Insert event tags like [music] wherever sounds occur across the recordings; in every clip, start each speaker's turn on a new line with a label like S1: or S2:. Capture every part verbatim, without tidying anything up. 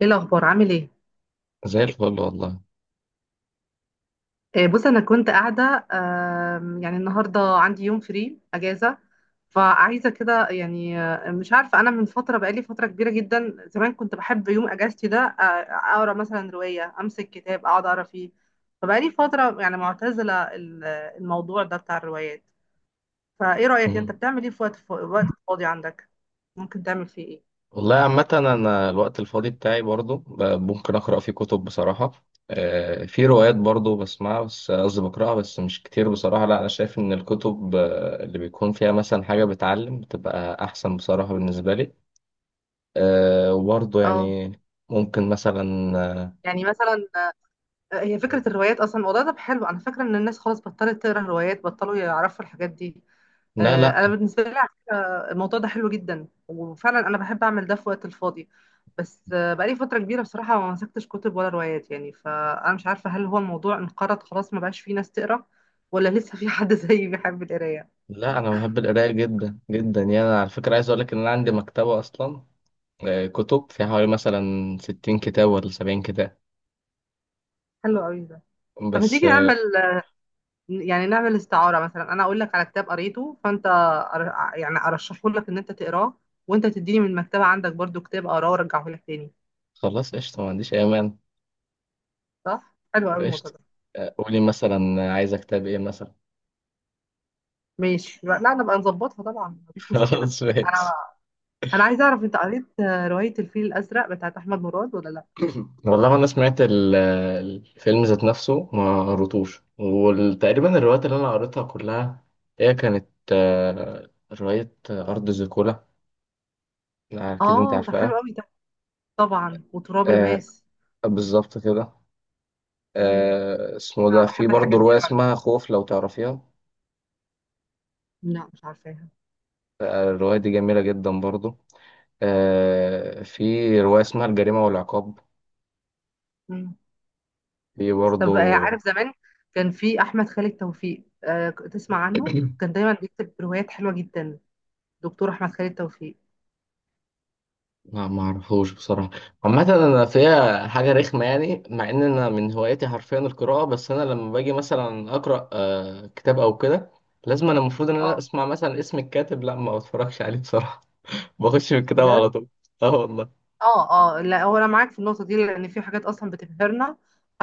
S1: ايه الاخبار؟ عامل ايه؟
S2: زي الفل والله.
S1: آه، بص انا كنت قاعده، آم، يعني النهارده عندي يوم فري اجازه، فعايزه كده. يعني آه، مش عارفه، انا من فتره، بقالي فتره كبيره جدا. زمان كنت بحب يوم اجازتي ده، آه، اقرا مثلا روايه، امسك كتاب اقعد اقرا فيه. فبقالي فتره يعني معتزله ال- الموضوع ده بتاع الروايات. فايه رايك، انت
S2: مم.
S1: بتعمل ايه في وقت، في وقت فاضي عندك؟ ممكن تعمل فيه ايه؟
S2: والله عامة أنا الوقت الفاضي بتاعي برضو، ب- ممكن أقرأ فيه كتب بصراحة. آه، في روايات برضو بسمعها، بس قصدي بقرأها بس مش كتير بصراحة. لا، أنا شايف إن الكتب آه، اللي بيكون فيها مثلا حاجة بتعلم بتبقى أحسن بصراحة بالنسبة لي. آه، وبرضو
S1: اه،
S2: يعني ممكن مثلا. آه،
S1: يعني مثلا، هي فكرة الروايات أصلا الموضوع ده حلو. أنا فاكرة إن الناس خلاص بطلت تقرا روايات، بطلوا يعرفوا الحاجات دي.
S2: لا،
S1: آه، أنا
S2: لا،
S1: بالنسبة لي على فكرة الموضوع ده حلو جدا، وفعلا أنا بحب أعمل ده في وقت الفاضي. بس آه، بقالي فترة كبيرة بصراحة ما مسكتش كتب ولا روايات، يعني فأنا مش عارفة، هل هو الموضوع انقرض خلاص ما بقاش فيه ناس تقرا، ولا لسه في حد [laughs] زيي بيحب القراية؟
S2: لا، أنا بحب القراية جدا جدا، يعني أنا على فكرة عايز أقول لك إن أنا عندي مكتبة أصلا. آه، كتب فيها حوالي مثلا ستين كتاب ولا سبعين كتاب
S1: حلو قوي ده. طب ما
S2: بس.
S1: تيجي نعمل، يعني نعمل استعارة، مثلا أنا أقول لك على كتاب قريته فأنت أر- يعني أرشحه لك إن أنت تقراه، وأنت تديني من المكتبة عندك برضو كتاب أقراه وأرجعه لك تاني.
S2: خلاص قشطة، ما عنديش أي مانع.
S1: صح؟ حلو أوي الموضوع
S2: قشطة.
S1: ده.
S2: آه، قولي مثلا عايزة كتاب إيه مثلا؟
S1: ماشي، لا نبقى نظبطها طبعا،
S2: [laughs]
S1: مفيش مشكلة.
S2: خلاص
S1: أنا
S2: ماشي.
S1: أنا عايزة أعرف، أنت قريت آه، رواية الفيل الأزرق بتاعت أحمد مراد ولا لأ؟
S2: والله أنا سمعت ال- الفيلم ذات نفسه ما قريتوش، وتقريبا الروايات اللي أنا قريتها كلها هي كانت آه، رواية أرض زيكولا. آه، أكيد أنت
S1: آه، طب
S2: عارفها.
S1: حلو أوي ده. طبعا، وتراب
S2: آه،
S1: الماس.
S2: بالظبط كده.
S1: مم.
S2: آه، اسمه
S1: أنا
S2: ده، في
S1: بحب
S2: برضه
S1: الحاجات دي
S2: رواية
S1: أوي على فكرة.
S2: اسمها خوف لو تعرفيها.
S1: لا مش عارفاها.
S2: آه، الرواية دي جميلة جدا برضه. آه، في رواية اسمها الجريمة والعقاب.
S1: مم.
S2: في
S1: طب آه،
S2: برضه.
S1: عارف زمان كان في احمد خالد توفيق؟ آه، تسمع عنه؟ كان دايما بيكتب روايات حلوه جدا، دكتور احمد خالد توفيق.
S2: لا، ما اعرفوش بصراحه. عامه انا فيها حاجه رخمه يعني، مع ان انا من هواياتي حرفيا القراءه، بس انا لما باجي مثلا اقرا آه، كتاب او كده، لازم انا المفروض ان انا
S1: اه.
S2: اسمع مثلا اسم الكاتب، لا ما بتفرجش عليه بصراحه. [laughs] بخش في الكتاب
S1: بجد.
S2: على طول. اه والله.
S1: اه. اه، لا هو انا معاك في النقطه دي، لان في حاجات اصلا بتبهرنا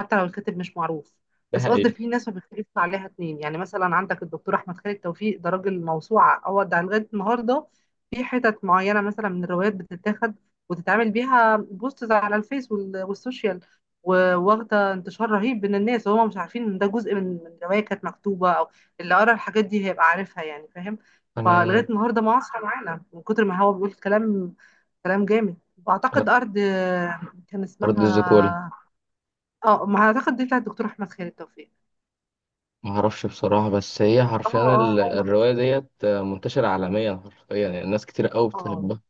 S1: حتى لو الكاتب مش معروف.
S2: ده
S1: بس قصدي،
S2: حقيقه.
S1: في ناس ما بيختلفش عليها اتنين، يعني مثلا عندك الدكتور احمد خالد توفيق ده راجل موسوعه. هو ده لغايه النهارده في حتت معينه مثلا من الروايات بتتاخد وتتعمل بيها بوستز على الفيس وال- والسوشيال، و- واخده انتشار رهيب بين الناس، وهم مش عارفين ان ده جزء من من روايه كانت مكتوبه، او اللي قرا الحاجات دي هيبقى عارفها، يعني فاهم.
S2: انا
S1: فلغايه النهارده معاصره معانا، من كتر ما هو بيقول كلام، كلام جامد.
S2: انا
S1: واعتقد ارض آه، كان
S2: ارض
S1: اسمها،
S2: الزيكولا،
S1: اه ما اعتقد دي بتاعت الدكتور احمد خالد توفيق.
S2: ما اعرفش بصراحه، بس هي
S1: اه
S2: حرفيا
S1: اه.
S2: ال-
S1: هو.
S2: الروايه ديت آه، منتشره عالميا حرفيا، يعني ناس كتير قوي
S1: اه.
S2: بتحبها.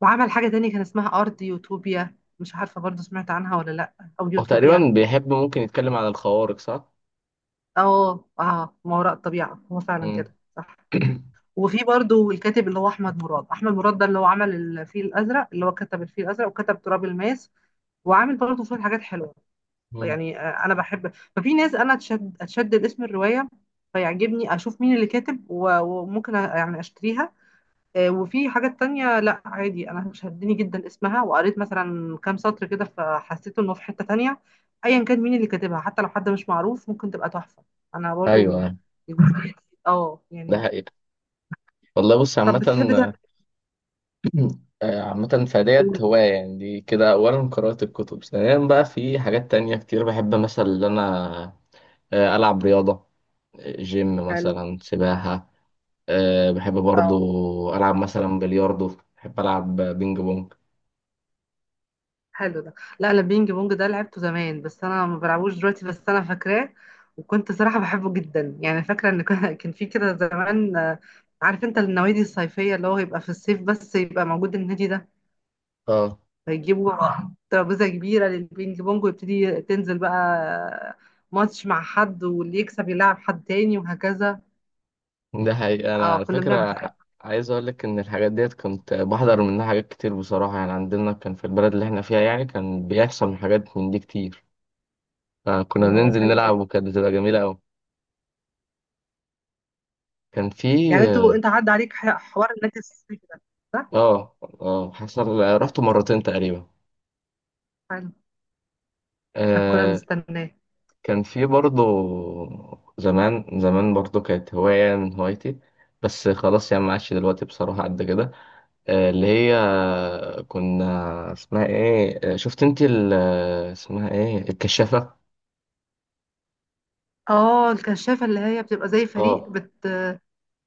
S1: وعمل حاجه تانية كان اسمها ارض يوتوبيا، مش عارفه برضو سمعت عنها ولا لا، او
S2: هو
S1: يوتوبيا.
S2: تقريبا بيحب ممكن يتكلم عن الخوارق، صح؟
S1: اه اه، ما وراء الطبيعه، هو فعلا
S2: مم.
S1: كده صح.
S2: [clears throat]
S1: وفي برضو الكاتب اللي هو احمد مراد، احمد مراد ده اللي هو عمل الفيل الازرق، اللي هو كتب الفيل الازرق وكتب تراب الماس، وعامل برضو شويه حاجات حلوه.
S2: مم.
S1: يعني آه، انا بحب، ففي ناس انا اتشد اتشدد اسم الروايه، فيعجبني اشوف مين اللي كاتب و- وممكن أ- يعني اشتريها. آه، وفي حاجات تانية لا عادي انا شدني جدا اسمها، وقريت مثلا كام سطر كده فحسيت انه في حتة تانية. ايا كان مين اللي كاتبها، حتى لو حد مش معروف، ممكن تبقى تحفة. انا برضو
S2: ايوه،
S1: [laughs] الجزئية دي، اه
S2: ده
S1: يعني.
S2: حقيقة. والله بص
S1: طب بتحب
S2: عامة.
S1: تعمل،
S2: [clears throat] آه، عامة
S1: قول
S2: فديت
S1: قول.
S2: هواية يعني دي كده، أولا قراءة الكتب، ثانيا بقى في حاجات تانية كتير بحب مثلا إن أنا آه، ألعب رياضة، آه، جيم
S1: حلو.
S2: مثلا، سباحة. آه، بحب
S1: اه
S2: برضو ألعب مثلا بلياردو، بحب ألعب بينج بونج.
S1: حلو ده. لا انا البينج بونج ده لعبته زمان، بس انا ما بلعبوش دلوقتي، بس انا فاكراه. وكنت صراحة بحبه جدا، يعني فاكرة ان كان [laughs] كان في كده زمان، آه، عارف انت النوادي الصيفية اللي هو يبقى في الصيف بس يبقى موجود النادي ده؟
S2: اه.
S1: فيجيبوا ترابيزة كبيرة للبينج بونج، ويبتدي تنزل بقى آه، ماتش مع حد، واللي يكسب يلعب حد تاني، وهكذا.
S2: ده حقيقة. أنا
S1: اه
S2: على
S1: كنا بنعمل
S2: فكرة
S1: كده.
S2: عايز أقول لك إن الحاجات ديت كنت بحضر منها حاجات كتير بصراحة، يعني عندنا كان في البلد اللي إحنا فيها، يعني كان بيحصل حاجات من دي كتير، فكنا
S1: الله
S2: بننزل
S1: حلو قوي.
S2: نلعب وكانت بتبقى جميلة أوي. كان في.
S1: يعني انتوا، انت عدى عليك ح- حوار النادي الصيفي ده، صح؟
S2: اه، اه حصل رحت مرتين تقريبا.
S1: حلو. احنا كنا
S2: آه
S1: بنستناه.
S2: كان في برضه، زمان زمان برضه كانت هواية من هوايتي، بس خلاص يعني ما عادش دلوقتي بصراحة قد كده. آه اللي هي كنا، اسمها ايه، آه، شفت انت ال- اسمها ايه، الكشافة.
S1: اه الكشافة، اللي هي بتبقى زي فريق
S2: اه،
S1: بت.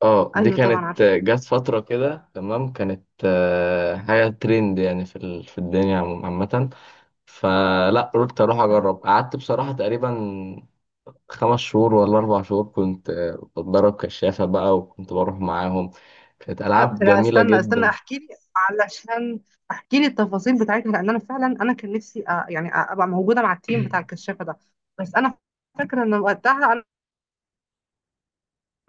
S2: اه دي
S1: ايوه طبعا
S2: كانت،
S1: عارفة.
S2: آه، جت فترة كده، تمام، كانت آه، حاجة ترند يعني في ال- في الدنيا عموما- عامة. فلا، قلت اروح
S1: صح.
S2: اجرب، قعدت بصراحه تقريبا خمس شهور ولا اربع شهور كنت آه، بتدرب كشافه بقى، وكنت بروح معاهم. كانت
S1: لا
S2: العاب
S1: لا،
S2: جميله
S1: استنى استنى،
S2: جدا.
S1: احكي لي، علشان احكي لي التفاصيل بتاعتها، لان انا فعلا انا كان نفسي أ... يعني أ- ابقى موجودة مع التيم بتاع الكشافة ده. بس انا فاكرة ان وقتها انا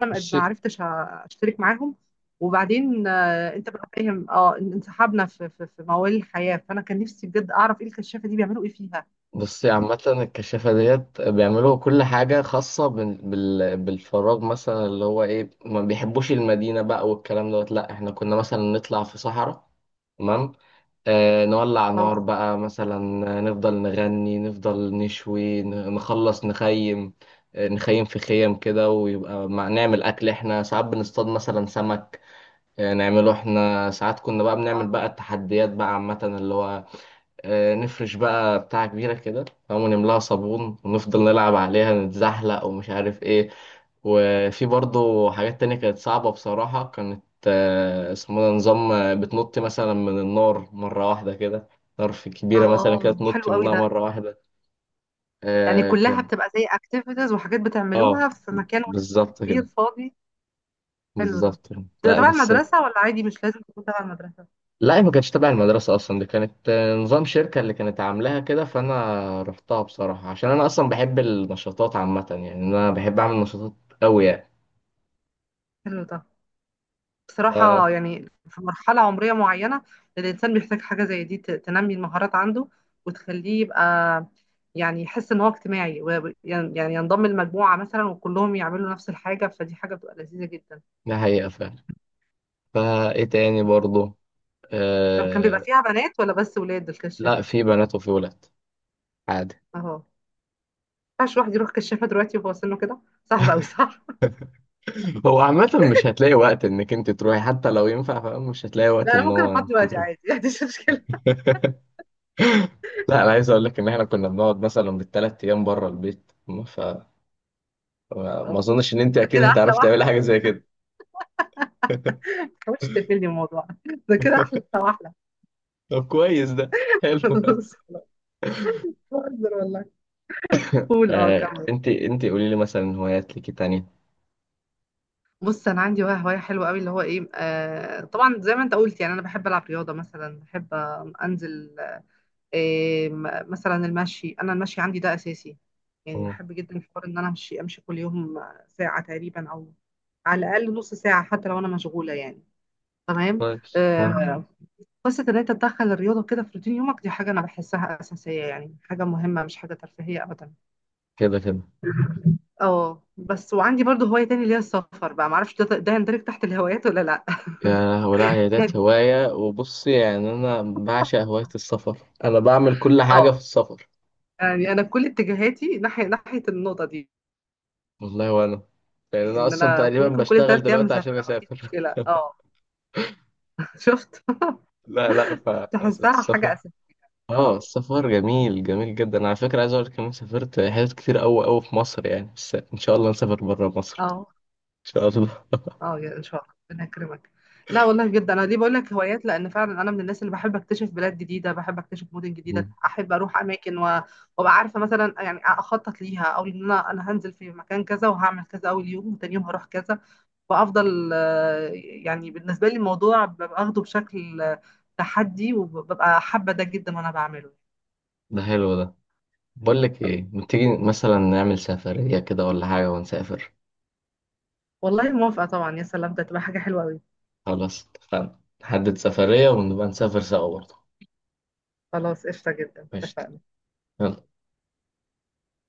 S1: ما ما
S2: بصي.
S1: عرفتش أ- اشترك معاهم. وبعدين آه، انت بقى فاهم اه، إن- انسحبنا في في في موال الحياة، فانا كان نفسي بجد اعرف ايه الكشافة دي بيعملوا ايه فيها.
S2: بصي عامه الكشافه ديت بيعملوا كل حاجه خاصه بال... بال... بالفراغ، مثلا اللي هو ايه، ما بيحبوش المدينه بقى والكلام دوت. لا احنا كنا مثلا نطلع في صحراء، تمام، آه، نولع
S1: اه
S2: نار بقى مثلا، آه، نفضل نغني، نفضل نشوي، ن- نخلص نخيم. آه، نخيم في خيم كده، ويبقى مع نعمل أكل، احنا ساعات بنصطاد مثلا سمك، آه، نعمله. احنا ساعات كنا بقى بنعمل بقى التحديات بقى عامة، اللي هو آه، نفرش بقى بتاع كبيرة كده، تمام، ونملاها صابون ونفضل نلعب عليها، نتزحلق ومش عارف ايه. وفي برضه حاجات تانية كانت صعبة بصراحة، كانت آه، اسمه ده نظام، آه، بتنط مثلا من النار مرة واحدة كده، نار في كبيرة مثلا كده
S1: اه. حلو
S2: تنط
S1: قوي
S2: منها
S1: ده.
S2: مرة واحدة.
S1: يعني
S2: آه
S1: كلها
S2: كان.
S1: بتبقى زي اكتيفيتيز وحاجات بتعملوها
S2: اه
S1: في مكان واحد
S2: بالظبط
S1: كبير
S2: كده.
S1: فاضي. حلو ده.
S2: بالظبط كده.
S1: بتبقى
S2: لا
S1: تبع
S2: بس.
S1: المدرسة ولا عادي مش لازم تكون تبع المدرسة؟
S2: لا، هي ما كانتش تبع المدرسة أصلا. دي كانت آه، نظام شركة اللي كانت عاملاها كده، فأنا رحتها بصراحة عشان أنا أصلا بحب النشاطات عامة، يعني أنا بحب أعمل نشاطات أوي يعني.
S1: حلو ده.
S2: آه،
S1: بصراحة يعني في مرحلة عمرية معينة الإنسان بيحتاج حاجة زي دي ت- تنمي المهارات عنده، وتخليه يبقى، يعني يحس إن هو اجتماعي و- يعني، يعني ينضم لمجموعة مثلا وكلهم يعملوا نفس الحاجة، فدي حاجة بتبقى لذيذة جدا.
S2: ده حقيقة فعلا. فإيه تاني برضه؟
S1: طب كان بيبقى فيها بنات ولا بس ولاد
S2: لا
S1: الكشافة؟
S2: في بنات وفي ولاد، عادي.
S1: أهو، ما ينفعش الواحد يروح كشافة دلوقتي وهو سنه كده، صعب أوي صح؟
S2: هو عامة مش هتلاقي وقت انك انت تروحي، حتى لو ينفع فاهم، مش هتلاقي وقت
S1: لا انا
S2: ان
S1: ممكن
S2: هو
S1: افضي
S2: انت
S1: دلوقتي
S2: تروحي.
S1: عادي [laughs] ما عنديش مشكله.
S2: [laughs] لا، انا عايز اقول لك ان احنا كنا بنقعد مثلا بالثلاث ايام بره البيت، ف ما
S1: اه
S2: اظنش ان انت
S1: ده
S2: اكيد
S1: كده احلى
S2: هتعرفي تعملي
S1: واحلى.
S2: حاجة زي كده. [laughs]
S1: ما تحاولش تقفلني الموضوع [laughs] ده كده احلى واحلى.
S2: طب كويس ده.
S1: [laughs]
S2: حلو.
S1: خلاص خلاص، بهزر والله. قول اه،
S2: آه،
S1: كمل.
S2: انت انت قولي لي مثلا هوايات ليكي تانية؟
S1: بص انا عندي بقى هوايه حلوه قوي، اللي هو ايه، آه طبعا زي ما انت قلت، يعني انا بحب العب رياضه، مثلا بحب انزل آه م- مثلا المشي. انا المشي عندي ده اساسي، يعني
S2: مم،
S1: بحب جدا حوار ان انا امشي امشي كل يوم، ساعه تقريبا، او على الاقل نص ساعه حتى لو انا مشغوله، يعني تمام.
S2: كويس. مم.
S1: آه، قصة إن أنت تدخل الرياضة كده في روتين يومك، دي حاجة أنا بحسها أساسية، يعني حاجة مهمة، مش حاجة ترفيهية أبدا.
S2: كده كده.
S1: [laughs] اه، بس وعندي برضو هواية تاني اللي هي السفر بقى، معرفش ده ده يندرج تحت الهوايات ولا لأ.
S2: يا، ولا هي ديت
S1: [laughs]
S2: هواية، وبصي يعني أنا بعشق هواية السفر. أنا بعمل كل حاجة
S1: اه،
S2: في السفر.
S1: يعني أنا كل اتجاهاتي ناحية ناحية النقطة دي،
S2: والله وانا، يعني انا
S1: إن
S2: اصلا
S1: أنا
S2: تقريبا
S1: ممكن كل
S2: بشتغل
S1: تلات أيام
S2: دلوقتي عشان
S1: مسافرة ما عنديش
S2: اسافر.
S1: مشكلة اه. [laughs] شفت،
S2: [laughs] لا، لا،
S1: تحسها حاجة
S2: فالسفر.
S1: أساسية.
S2: اه
S1: اه.
S2: السفر جميل جميل جدا، على فكرة عايز اقول لك كمان سافرت حتت كتير قوي قوي في مصر، يعني بس ان شاء الله نسافر بره مصر.
S1: اه.
S2: ان شاء الله. [laughs]
S1: اه يا ان شاء الله، ربنا يكرمك. لا والله بجد انا ليه بقول لك هوايات، لان فعلا انا من الناس اللي بحب اكتشف بلاد جديده، بحب اكتشف مدن جديده،
S2: مم.
S1: احب اروح اماكن و... وابقى عارفه مثلا، يعني اخطط ليها، او ان انا انا هنزل في مكان كذا وهعمل كذا اول يوم، وتاني يوم هروح كذا. وافضل آه، يعني بالنسبه لي الموضوع ببقى اخده بشكل آه، تحدي، وببقى حابه ده جدا وانا بعمله.
S2: ده حلو ده. بقول لك ايه، ما تيجي مثلا نعمل سفرية كده ولا حاجة ونسافر؟
S1: والله موافقه طبعا، يا سلام ده تبقى حاجه حلوه قوي.
S2: خلاص اتفقنا، نحدد سفرية ونبقى نسافر سوا برضه.
S1: خلاص قشطه جدا،
S2: قشطة.
S1: اتفقنا.
S2: يلا.